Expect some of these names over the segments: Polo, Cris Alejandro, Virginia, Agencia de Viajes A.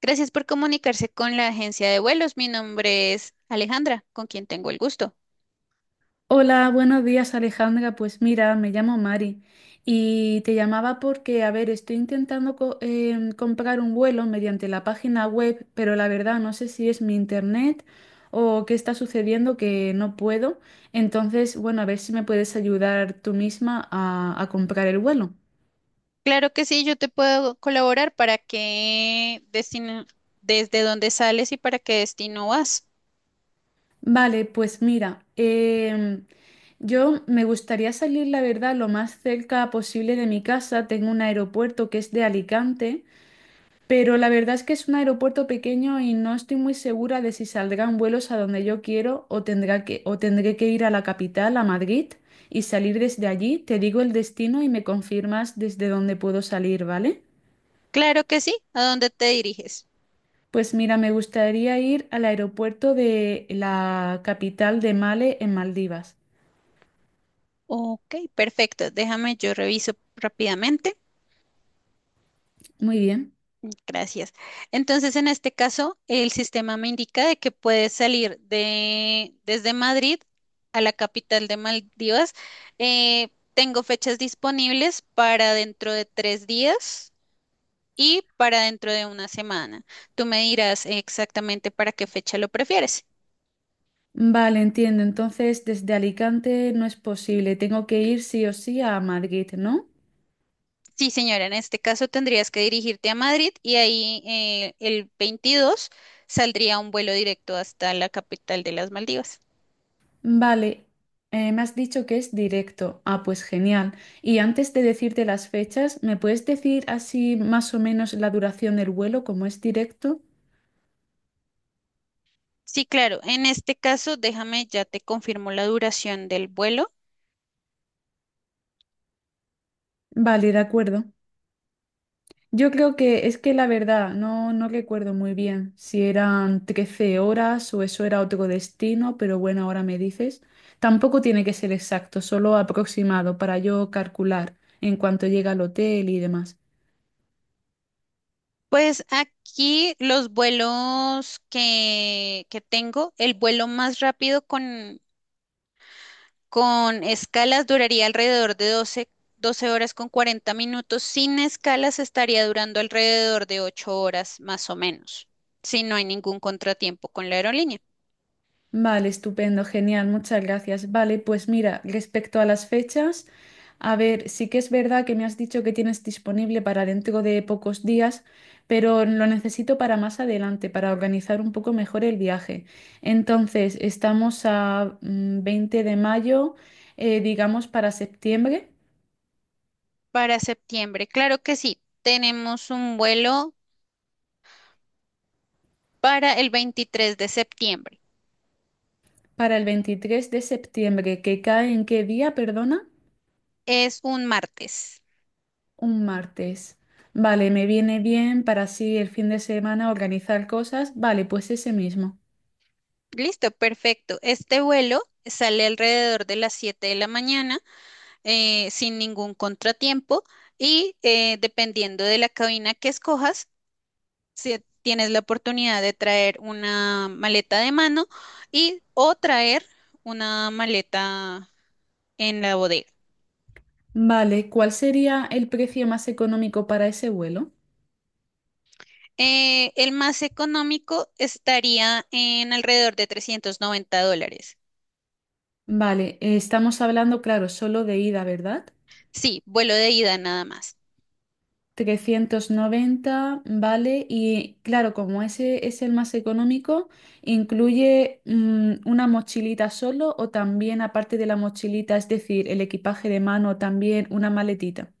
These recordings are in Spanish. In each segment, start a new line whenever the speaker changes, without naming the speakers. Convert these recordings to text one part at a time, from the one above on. Gracias por comunicarse con la agencia de vuelos. Mi nombre es Alejandra, con quien tengo el gusto.
Hola, buenos días Alejandra. Pues mira, me llamo Mari y te llamaba porque, a ver, estoy intentando comprar un vuelo mediante la página web, pero la verdad no sé si es mi internet o qué está sucediendo que no puedo. Entonces, bueno, a ver si me puedes ayudar tú misma a comprar el vuelo.
Claro que sí, yo te puedo colaborar para qué destino, desde dónde sales y para qué destino vas.
Vale, pues mira, yo me gustaría salir, la verdad, lo más cerca posible de mi casa. Tengo un aeropuerto que es de Alicante. Pero la verdad es que es un aeropuerto pequeño y no estoy muy segura de si saldrán vuelos a donde yo quiero o tendré que ir a la capital, a Madrid, y salir desde allí. Te digo el destino y me confirmas desde dónde puedo salir, ¿vale?
Claro que sí, ¿a dónde te diriges?
Pues mira, me gustaría ir al aeropuerto de la capital de Male en Maldivas.
Ok, perfecto. Déjame, yo reviso rápidamente.
Muy bien.
Gracias. Entonces, en este caso, el sistema me indica de que puedes salir desde Madrid a la capital de Maldivas. Tengo fechas disponibles para dentro de 3 días y para dentro de una semana. Tú me dirás exactamente para qué fecha lo prefieres.
Vale, entiendo. Entonces, desde Alicante no es posible. Tengo que ir sí o sí a Madrid, ¿no?
Sí, señora, en este caso tendrías que dirigirte a Madrid y ahí el 22 saldría un vuelo directo hasta la capital de las Maldivas.
Vale, me has dicho que es directo. Ah, pues genial. Y antes de decirte las fechas, ¿me puedes decir así más o menos la duración del vuelo, como es directo?
Sí, claro. En este caso, déjame, ya te confirmo la duración del vuelo.
Vale, de acuerdo. Yo creo que es que la verdad, no, no recuerdo muy bien si eran 13 horas o eso era otro destino, pero bueno, ahora me dices. Tampoco tiene que ser exacto, solo aproximado para yo calcular en cuanto llega al hotel y demás.
Pues aquí los vuelos que tengo, el vuelo más rápido con escalas duraría alrededor de doce horas con 40 minutos. Sin escalas estaría durando alrededor de 8 horas más o menos, si no hay ningún contratiempo con la aerolínea.
Vale, estupendo, genial, muchas gracias. Vale, pues mira, respecto a las fechas, a ver, sí que es verdad que me has dicho que tienes disponible para dentro de pocos días, pero lo necesito para más adelante, para organizar un poco mejor el viaje. Entonces, estamos a 20 de mayo, digamos para septiembre,
Para septiembre, claro que sí. Tenemos un vuelo para el 23 de septiembre.
para el 23 de septiembre, ¿que cae en qué día, perdona?
Es un martes.
Un martes. Vale, me viene bien para así el fin de semana organizar cosas. Vale, pues ese mismo.
Listo, perfecto. Este vuelo sale alrededor de las 7 de la mañana sin ningún contratiempo y dependiendo de la cabina que escojas, si tienes la oportunidad de traer una maleta de mano y o traer una maleta en la bodega.
Vale, ¿cuál sería el precio más económico para ese vuelo?
El más económico estaría en alrededor de $390.
Vale, estamos hablando, claro, solo de ida, ¿verdad?
Sí, vuelo de ida nada más.
390, vale, y claro, como ese es el más económico, ¿incluye una mochilita solo o también aparte de la mochilita, es decir, el equipaje de mano, también una maletita?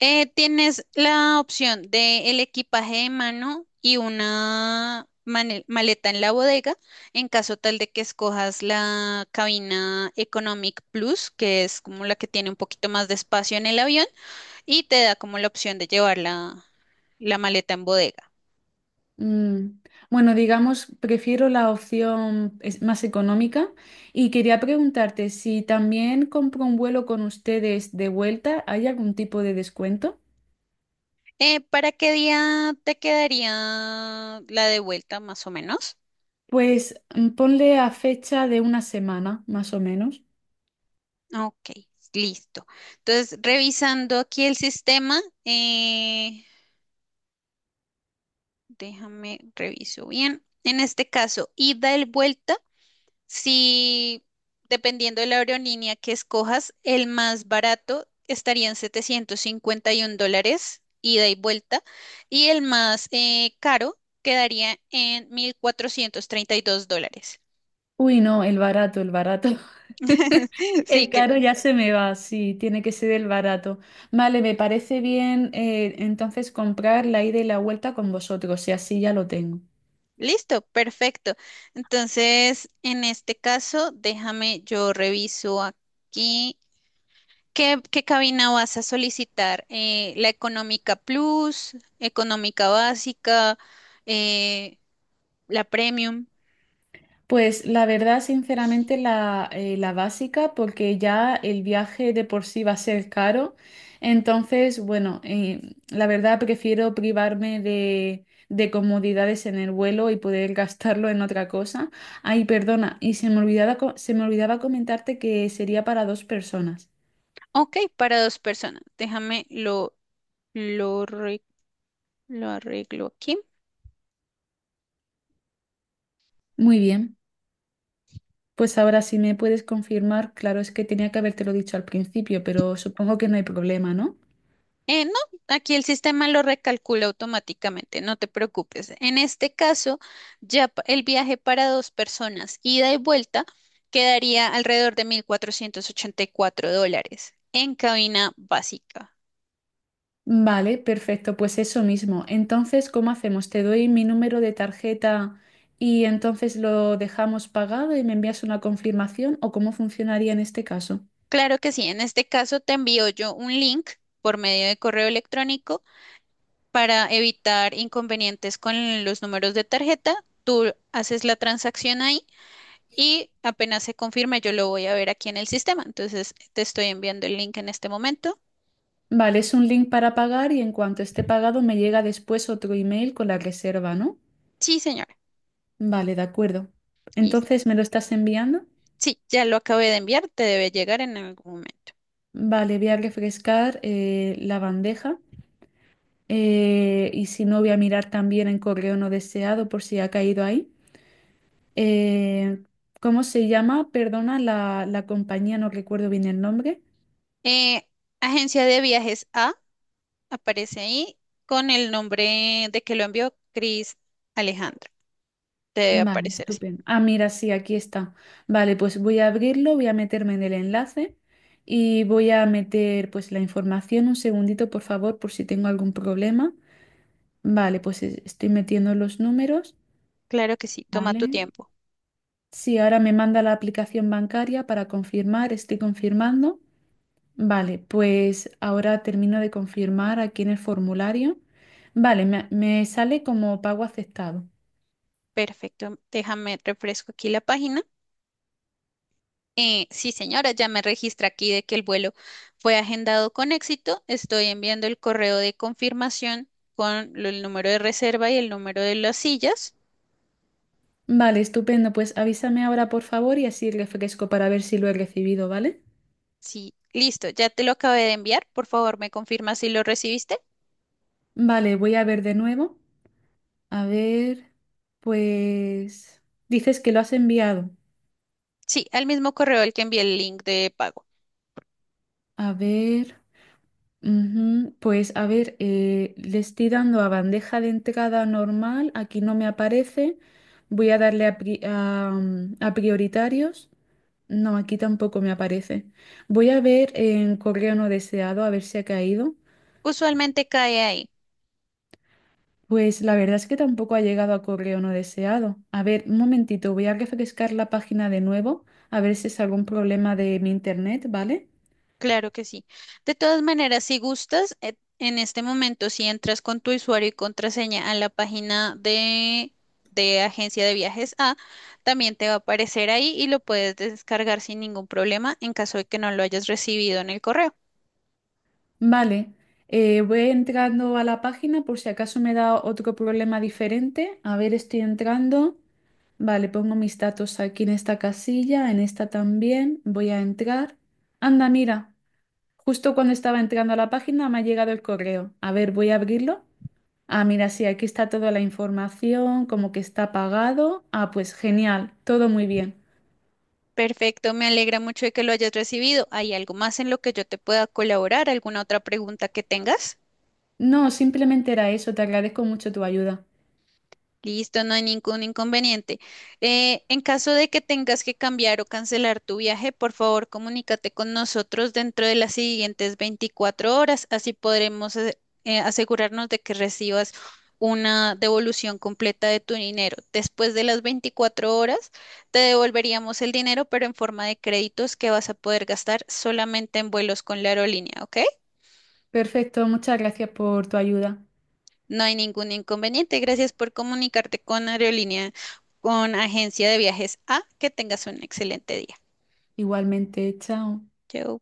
Tienes la opción de el equipaje de mano y una maleta en la bodega, en caso tal de que escojas la cabina Economic Plus, que es como la que tiene un poquito más de espacio en el avión y te da como la opción de llevar la maleta en bodega.
Mm, Bueno, digamos, prefiero la opción más económica y quería preguntarte si también compro un vuelo con ustedes de vuelta, ¿hay algún tipo de descuento?
¿Para qué día te quedaría la de vuelta más o menos?
Pues ponle a fecha de una semana, más o menos.
Ok, listo. Entonces, revisando aquí el sistema, déjame reviso bien. En este caso, ida y vuelta, si dependiendo de la aerolínea que escojas, el más barato estaría en $751, ida y vuelta, y el más caro quedaría en $1,432.
Uy, no, el barato, el barato.
Sí,
El
que
caro ya se me va, sí, tiene que ser el barato. Vale, me parece bien entonces comprar la ida y la vuelta con vosotros y así ya lo tengo.
listo, perfecto. Entonces, en este caso, déjame yo reviso aquí. ¿Qué cabina vas a solicitar? ¿La económica plus, económica básica, eh, la premium?
Pues la verdad, sinceramente, la básica, porque ya el viaje de por sí va a ser caro. Entonces, bueno, la verdad prefiero privarme de comodidades en el vuelo y poder gastarlo en otra cosa. Ay, perdona, y se me olvidaba, se me olvidaba comentarte que sería para dos personas.
Ok, para dos personas. Déjame lo, re- lo arreglo aquí.
Muy bien, pues ahora si me puedes confirmar, claro, es que tenía que habértelo dicho al principio, pero supongo que no hay problema, ¿no?
No, aquí el sistema lo recalcula automáticamente, no te preocupes. En este caso, el viaje para dos personas, ida y vuelta, quedaría alrededor de $1,484 en cabina básica.
Vale, perfecto, pues eso mismo. Entonces, ¿cómo hacemos? Te doy mi número de tarjeta y entonces lo dejamos pagado y me envías una confirmación o cómo funcionaría en este caso.
Claro que sí, en este caso te envío yo un link por medio de correo electrónico para evitar inconvenientes con los números de tarjeta. Tú haces la transacción ahí y apenas se confirme, yo lo voy a ver aquí en el sistema. Entonces, te estoy enviando el link en este momento.
Vale, es un link para pagar y en cuanto esté pagado me llega después otro email con la reserva, ¿no?
Sí, señora.
Vale, de acuerdo.
Listo.
Entonces, ¿me lo estás enviando?
Sí, ya lo acabé de enviar, te debe llegar en algún momento.
Vale, voy a refrescar la bandeja y si no, voy a mirar también en correo no deseado por si ha caído ahí. Eh, ¿Cómo se llama? Perdona la compañía, no recuerdo bien el nombre.
Eh, agencia de Viajes A aparece ahí con el nombre de que lo envió Cris Alejandro. Te debe
Vale,
aparecer así.
estupendo. Ah, mira, sí, aquí está. Vale, pues voy a abrirlo, voy a meterme en el enlace y voy a meter pues la información. Un segundito, por favor, por si tengo algún problema. Vale, pues estoy metiendo los números.
Claro que sí, toma tu
Vale.
tiempo.
Sí, ahora me manda la aplicación bancaria para confirmar, estoy confirmando. Vale, pues ahora termino de confirmar aquí en el formulario. Vale, me sale como pago aceptado.
Perfecto, déjame refresco aquí la página. Sí, señora, ya me registra aquí de que el vuelo fue agendado con éxito. Estoy enviando el correo de confirmación con el número de reserva y el número de las sillas.
Vale, estupendo. Pues avísame ahora, por favor, y así refresco para ver si lo he recibido, ¿vale?
Sí, listo, ya te lo acabé de enviar. Por favor, me confirma si lo recibiste.
Vale, voy a ver de nuevo. A ver, pues dices que lo has enviado.
Sí, al mismo correo al que envié el link de pago.
A ver, ujú, pues a ver, le estoy dando a bandeja de entrada normal, aquí no me aparece. Voy a darle a prioritarios. No, aquí tampoco me aparece. Voy a ver en correo no deseado a ver si ha caído.
Usualmente cae ahí.
Pues la verdad es que tampoco ha llegado a correo no deseado. A ver, un momentito, voy a refrescar la página de nuevo, a ver si es algún problema de mi internet, ¿vale?
Claro que sí. De todas maneras, si gustas, en este momento, si entras con tu usuario y contraseña a la página de Agencia de Viajes A, también te va a aparecer ahí y lo puedes descargar sin ningún problema en caso de que no lo hayas recibido en el correo.
Vale, voy entrando a la página por si acaso me da otro problema diferente. A ver, estoy entrando. Vale, pongo mis datos aquí en esta casilla, en esta también. Voy a entrar. Anda, mira. Justo cuando estaba entrando a la página me ha llegado el correo. A ver, voy a abrirlo. Ah, mira, sí, aquí está toda la información, como que está pagado. Ah, pues genial, todo muy bien.
Perfecto, me alegra mucho de que lo hayas recibido. ¿Hay algo más en lo que yo te pueda colaborar? ¿Alguna otra pregunta que tengas?
No, simplemente era eso, te agradezco mucho tu ayuda.
Listo, no hay ningún inconveniente. En caso de que tengas que cambiar o cancelar tu viaje, por favor, comunícate con nosotros dentro de las siguientes 24 horas, así podremos asegurarnos de que recibas una devolución completa de tu dinero. Después de las 24 horas, te devolveríamos el dinero, pero en forma de créditos que vas a poder gastar solamente en vuelos con la aerolínea, ¿ok?
Perfecto, muchas gracias por tu ayuda.
No hay ningún inconveniente. Gracias por comunicarte con Aerolínea, con Agencia de Viajes A. Que tengas un excelente día.
Igualmente, chao.
Chao.